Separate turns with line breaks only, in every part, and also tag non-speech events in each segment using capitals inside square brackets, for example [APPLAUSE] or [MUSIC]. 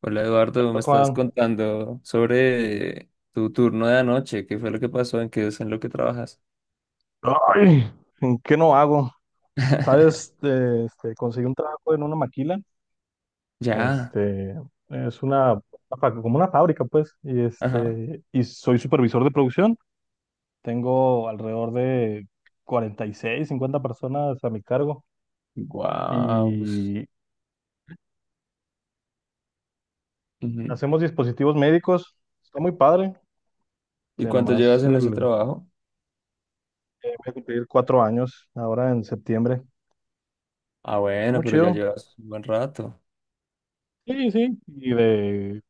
Hola Eduardo, me estás
Juan,
contando sobre tu turno de anoche, qué fue lo que pasó, en qué es en lo que trabajas.
ay, ¿en qué no hago? ¿Sabes?
[LAUGHS]
Conseguí un trabajo en una maquila,
Ya,
este, es una, como una fábrica, pues,
ajá.
y soy supervisor de producción, tengo alrededor de 46, 50 personas a mi cargo,
Guau. Pues,
y
ujú.
hacemos dispositivos médicos, está muy padre,
¿Y cuánto llevas
nomás
en ese trabajo?
voy a cumplir 4 años ahora en septiembre,
Ah,
está
bueno,
muy
pero ya
chido,
llevas un buen rato.
sí, sí, y de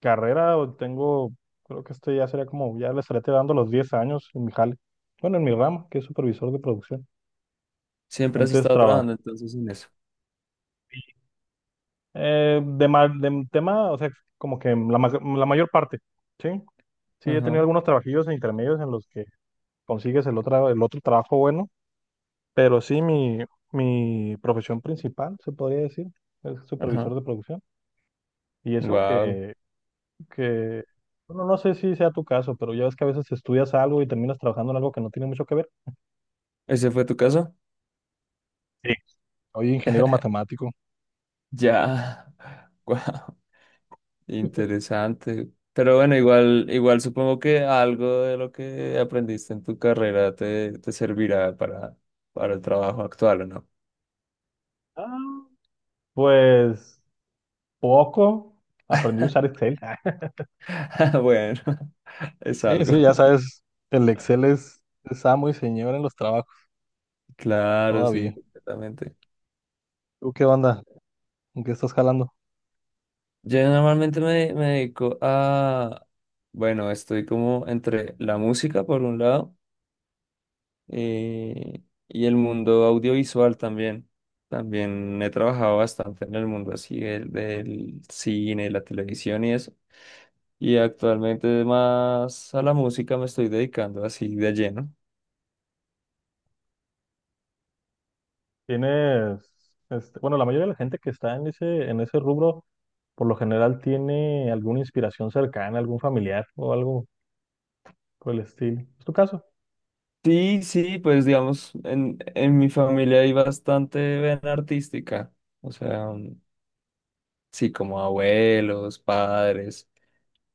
carrera o tengo, creo que ya sería como, ya le estaré dando los 10 años en mi jale. Bueno, en mi rama, que es supervisor de producción.
Siempre has
Antes
estado
trabajé
trabajando entonces en eso.
De, de tema, o sea, como que la mayor parte, ¿sí? Sí, he tenido
Ajá,
algunos trabajillos intermedios en los que consigues el otro trabajo bueno, pero sí, mi profesión principal, se podría decir, es
ajá.
supervisor de producción. Y eso
Guau.
que, bueno, no sé si sea tu caso, pero ya ves que a veces estudias algo y terminas trabajando en algo que no tiene mucho que ver.
¿Ese fue tu caso?
Sí. Oye, ingeniero matemático.
Ya. [LAUGHS] Guau. Interesante. Pero bueno, igual, igual supongo que algo de lo que aprendiste en tu carrera te servirá para el trabajo actual, ¿o no?
Ah, Pues poco. Aprendí a usar Excel. Ah,
[LAUGHS] Bueno, [LAUGHS] es
sí,
algo.
sí, ya sabes, el Excel es amo y señor en los trabajos,
Claro, sí,
todavía.
completamente.
¿Tú qué onda? ¿En qué estás jalando?
Yo normalmente me dedico a, bueno, estoy como entre la música por un lado eh, y el mundo audiovisual también. También he trabajado bastante en el mundo así del cine, la televisión y eso. Y actualmente más a la música me estoy dedicando así de lleno.
Tienes, este, bueno, la mayoría de la gente que está en ese rubro, por lo general tiene alguna inspiración cercana, algún familiar o algo por el estilo. ¿Es tu caso?
Sí, sí, pues digamos, en mi familia hay bastante vena artística, o sea, sí, como abuelos, padres,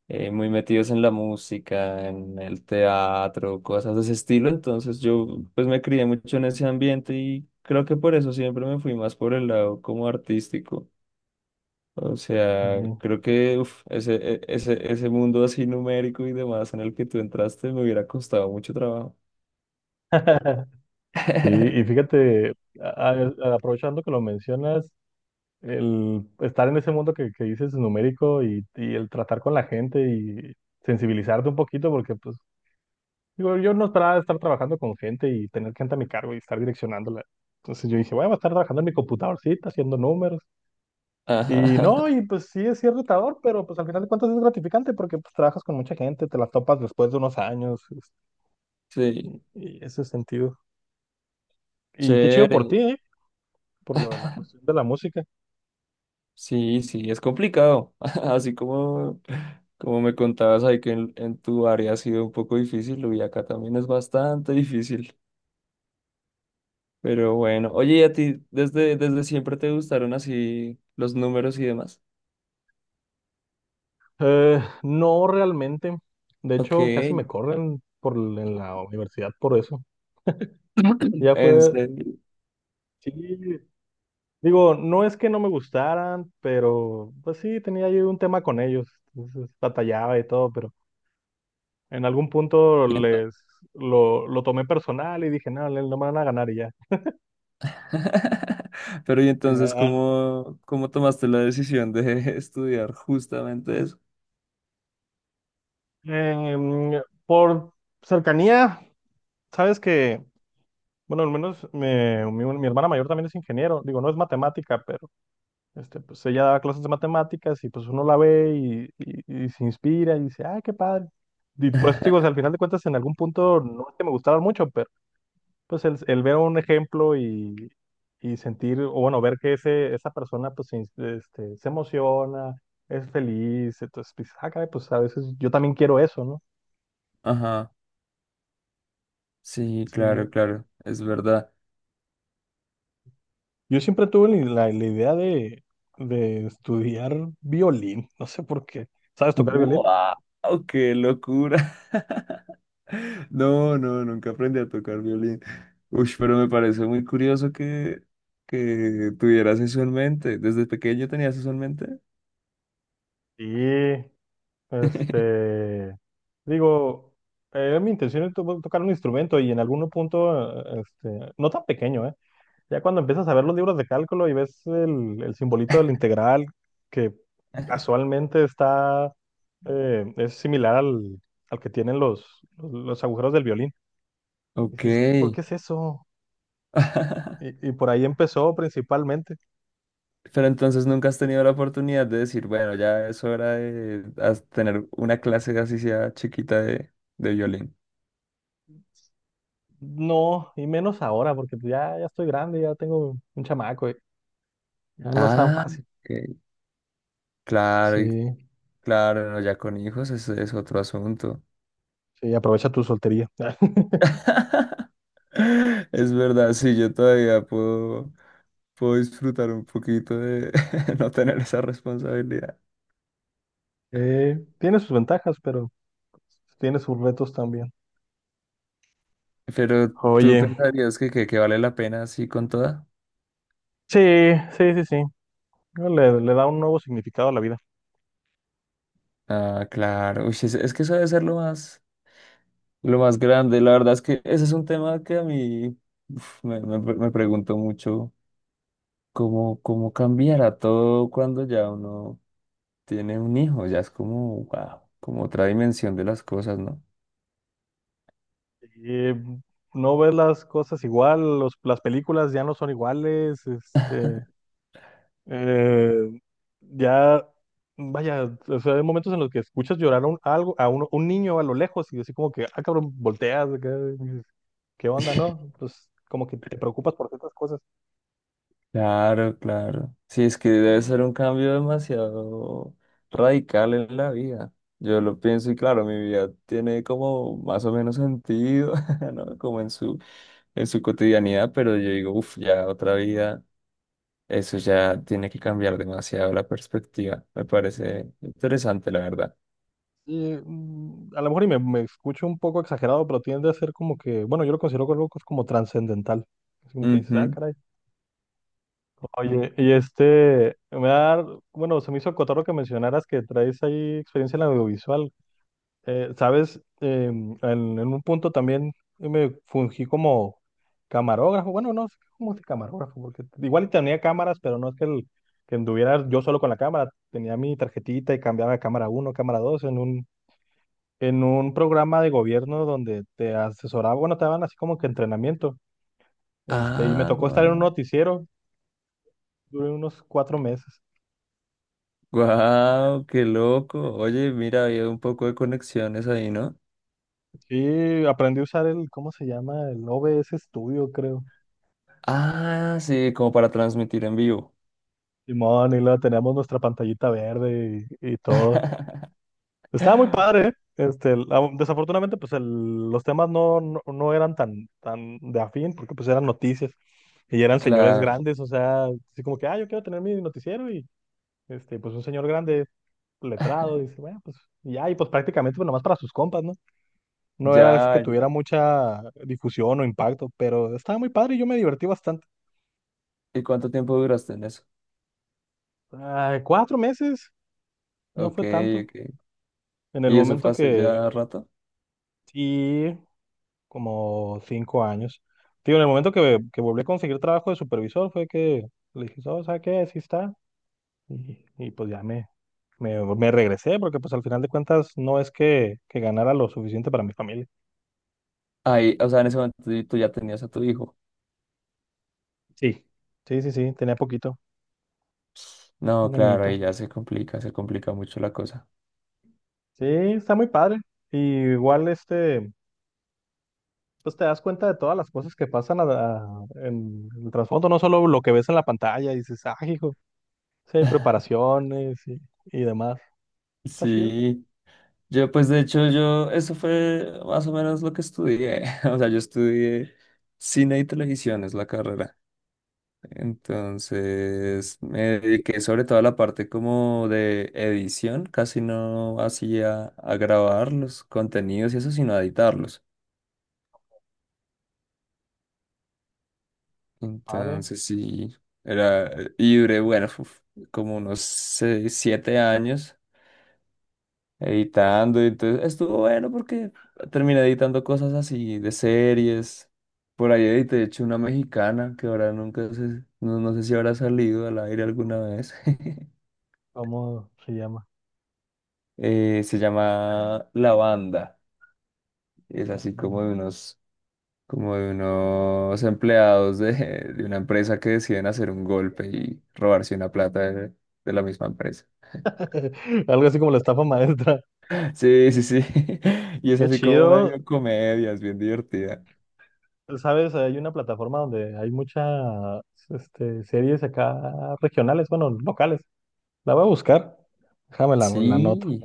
muy metidos en la música, en el teatro, cosas de ese estilo, entonces yo pues me crié mucho en ese ambiente y creo que por eso siempre me fui más por el lado como artístico. O sea,
Ujú.
creo que uf, ese mundo así numérico y demás en el que tú entraste me hubiera costado mucho trabajo.
[LAUGHS] Sí, y
[LAUGHS]
fíjate, aprovechando que lo mencionas, el estar en ese mundo que dices numérico y el tratar con la gente y sensibilizarte un poquito, porque pues digo, yo no esperaba estar trabajando con gente y tener gente a mi cargo y estar direccionándola. Entonces yo dije, bueno, voy a estar trabajando en mi computadorcita, haciendo números. Y
Ajá,
no, y pues sí, es cierto retador, pero pues al final de cuentas es gratificante porque pues trabajas con mucha gente, te las topas después de unos años
sí,
y, y ese sentido. Y qué chido por ti,
chévere.
¿eh? Por la
[LAUGHS]
cuestión de la música.
Sí, sí, es complicado. [LAUGHS] Así como, como me contabas ahí que en tu área ha sido un poco difícil, y acá también es bastante difícil. Pero bueno, oye, ¿y a ti desde, desde siempre te gustaron así los números y demás?
No realmente. De
Ok,
hecho, casi me corren en la universidad por eso.
[CLEARS THROAT]
Ya
en
fue,
serio.
sí, digo, no es que no me gustaran, pero pues sí, tenía ahí un tema con ellos. Entonces, batallaba y todo, pero en algún punto
Y
lo tomé personal y dije, no, no me van a ganar y ya.
[LAUGHS] pero y entonces,
Ya,
¿cómo, cómo tomaste la decisión de [LAUGHS] estudiar justamente eso?
por cercanía, sabes que, bueno, al menos mi hermana mayor también es ingeniero. Digo, no es matemática, este, pues ella daba clases de matemáticas y pues uno la ve y se inspira y dice, ay, qué padre. Y por eso te digo, o sea, al final de cuentas, en algún punto no es que me gustara mucho, pero pues el ver un ejemplo y sentir, o bueno, ver que esa persona pues se emociona, es feliz, entonces pues, ah, caray, pues a veces yo también quiero eso, ¿no?
Ajá, sí,
Sí.
claro, claro, es verdad.
Yo siempre tuve la idea de estudiar violín, no sé por qué. ¿Sabes tocar violín?
¡Wow! ¡Qué locura! [LAUGHS] No, no, nunca aprendí a tocar violín. Uy, pero me parece muy curioso que tuvieras eso en mente. ¿Desde pequeño tenías eso en mente?
Sí.
[LAUGHS]
Este, digo, era mi intención era tocar un instrumento y en algún punto, no tan pequeño, ¿eh? Ya cuando empiezas a ver los libros de cálculo y ves el simbolito del integral, que casualmente está, es similar al, al que tienen los agujeros del violín.
Ok.
Dices, "¿Y por qué es eso?"
[LAUGHS]
Y por ahí empezó principalmente.
Pero entonces nunca has tenido la oportunidad de decir, bueno, ya es hora de tener una clase así sea chiquita de violín.
No, y menos ahora, porque pues ya, ya estoy grande, ya tengo un chamaco, y ya no es tan
Ah,
fácil.
ok. Claro, y
Sí.
claro, no, ya con hijos eso es otro asunto.
Sí, aprovecha tu soltería. [LAUGHS]
[LAUGHS] Es verdad, sí, yo todavía puedo, puedo disfrutar un poquito de [LAUGHS] no tener esa responsabilidad.
Tiene sus ventajas, pero tiene sus retos también.
Pero tú
Oye,
pensarías que vale la pena así con toda.
sí, sí, sí, sí. Le da un nuevo significado a la vida.
Ah, claro. Uy, es que eso debe ser lo más. Lo más grande, la verdad es que ese es un tema que a mí uf, me pregunto mucho cómo, cómo cambiará todo cuando ya uno tiene un hijo, ya es como, wow, como otra dimensión de las cosas, ¿no?
Y no ves las cosas igual, las películas ya no son iguales, eh, ya, vaya, o sea, hay momentos en los que escuchas llorar a un niño a lo lejos y así como que, ah, cabrón, volteas, acá, y dices, ¿qué onda, no?
[LAUGHS]
Pues como que te preocupas por ciertas cosas.
Claro, claro. Sí, es que debe ser un cambio demasiado radical en la vida. Yo lo pienso y claro, mi vida tiene como más o menos sentido, [LAUGHS] ¿no? Como en su cotidianidad, pero yo digo, uff, ya otra vida. Eso ya tiene que cambiar demasiado la perspectiva. Me parece interesante, la verdad.
Y, a lo mejor me escucho un poco exagerado, pero tiende a ser como que, bueno, yo lo considero algo como trascendental. Es como que dices, ah,
Ujú.
caray. Oye, y este, me da, bueno, se me hizo cotorro que mencionaras que traes ahí experiencia en audiovisual. Sabes, en un punto también me fungí como camarógrafo. Bueno, no sé cómo es camarógrafo, porque igual y tenía cámaras, pero no es que anduviera yo solo con la cámara. Tenía mi tarjetita y cambiaba de cámara uno cámara 2 en un programa de gobierno donde te asesoraba, bueno, te daban así como que entrenamiento, y me
Ah,
tocó estar en un
guau.
noticiero, duré unos 4 meses.
Guau, qué loco. Oye, mira, había un poco de conexiones ahí, ¿no?
Sí, aprendí a usar el, ¿cómo se llama? El OBS Studio, creo.
Ah, sí, como para transmitir en vivo.
Simón, y luego teníamos nuestra pantallita verde y todo. Estaba muy padre, ¿eh? Este, desafortunadamente, pues los temas no, no, no eran tan, tan de afín, porque pues eran noticias y eran señores
Claro.
grandes, o sea, así como que, ah, yo quiero tener mi noticiero y, este, pues un señor grande letrado, dice, bueno, pues y ya, y pues prácticamente pues, nomás para sus compas, ¿no? No era así que
Ya, ya.
tuviera mucha difusión o impacto, pero estaba muy padre y yo me divertí bastante.
¿Y cuánto tiempo duraste en eso?
Ah, 4 meses, no
Ok,
fue tanto.
ok.
En el
¿Y eso fue
momento
hace
que,
ya rato?
sí, como 5 años. Digo, en el momento que volví a conseguir trabajo de supervisor fue que le dije, oh, ¿sabes qué? Así está. Y pues ya me regresé, porque pues al final de cuentas no es que ganara lo suficiente para mi familia.
Ahí, o sea, en ese momento tú ya tenías a tu hijo.
Sí. Sí, sí, sí, tenía poquito.
No,
Un
claro,
añito.
ahí ya se complica mucho la cosa.
Sí, está muy padre. Y igual este, pues te das cuenta de todas las cosas que pasan en el trasfondo, no solo lo que ves en la pantalla y dices, ah, hijo, sí hay
[LAUGHS]
preparaciones y demás. Está chido.
Sí. Yo, pues de hecho, yo, eso fue más o menos lo que estudié. [LAUGHS] O sea, yo estudié cine y televisión, es la carrera. Entonces, me dediqué sobre todo a la parte como de edición, casi no hacía a grabar los contenidos y eso, sino a editarlos.
Padre,
Entonces, sí, era, y duré, bueno, uf, como unos seis, siete años editando. Entonces estuvo bueno porque terminé editando cosas así de series. Por ahí edité, de hecho, una mexicana que ahora nunca sé, no, no sé si habrá salido al aire alguna vez. [LAUGHS]
¿cómo se llama?
Se llama La Banda. Es
La
así
Banda.
como de unos empleados de una empresa que deciden hacer un golpe y robarse una plata de la misma empresa.
[LAUGHS] Algo así como la estafa maestra.
Sí, sí, sí. [LAUGHS] Y es
Qué
así como
chido.
medio comedia, es bien divertida.
Sabes, hay una plataforma donde hay muchas series acá regionales, bueno, locales. La voy a buscar. Déjame la, la
Sí.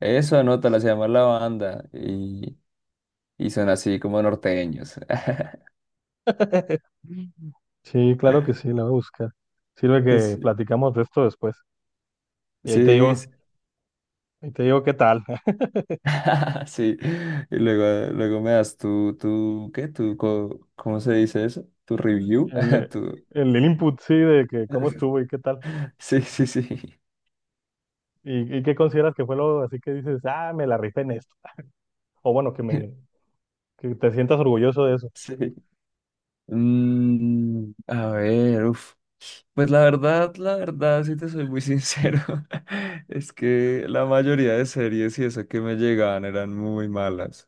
Eso anota, la se llama La Banda y son así como norteños. [LAUGHS]
[LAUGHS] Sí, claro que sí, la voy a buscar. Sirve que
Sí,
platicamos de esto después. Y
sí, sí.
ahí te digo qué tal. [LAUGHS]
[LAUGHS] Sí. Y luego, luego me das tu, tu, ¿qué? Tu, co- ¿cómo se dice eso? Tu review.
El,
[LAUGHS]
eh,
Tu...
el input, sí, de que cómo estuvo y qué tal.
Sí, sí, sí.
Y qué consideras que fue lo así que dices, ah, me la rifé en esto. [LAUGHS] O bueno,
[LAUGHS]
que te sientas orgulloso de eso.
Sí. Mm, a ver, uf. Pues la verdad, si te soy muy sincero, [LAUGHS] es que la mayoría de series y eso que me llegaban eran muy malas.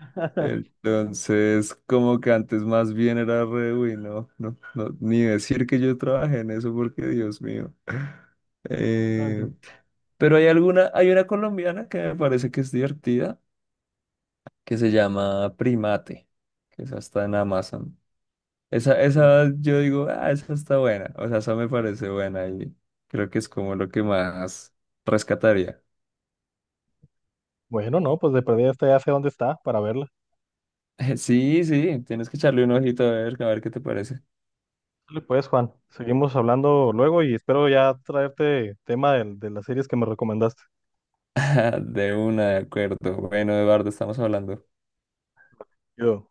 [LAUGHS]
Entonces, como que antes más bien era re, uy, no, no, no, ni decir que yo trabajé en eso porque Dios mío.
Ah,
Eh,
ent-
pero hay alguna, hay una colombiana que me parece que es divertida, que se llama Primate, que esa está en Amazon. Esa yo digo, ah, esa está buena, o sea, esa me parece buena y creo que es como lo que más rescataría. [LAUGHS]
Bueno, no, pues de perdida esta ya sé dónde está para verla.
Sí, sí, tienes que echarle un ojito a ver qué te parece.
Dale, pues Juan, seguimos hablando luego y espero ya traerte tema de las series que me recomendaste.
[LAUGHS] De una, de acuerdo. Bueno, Eduardo, estamos hablando.
Yo.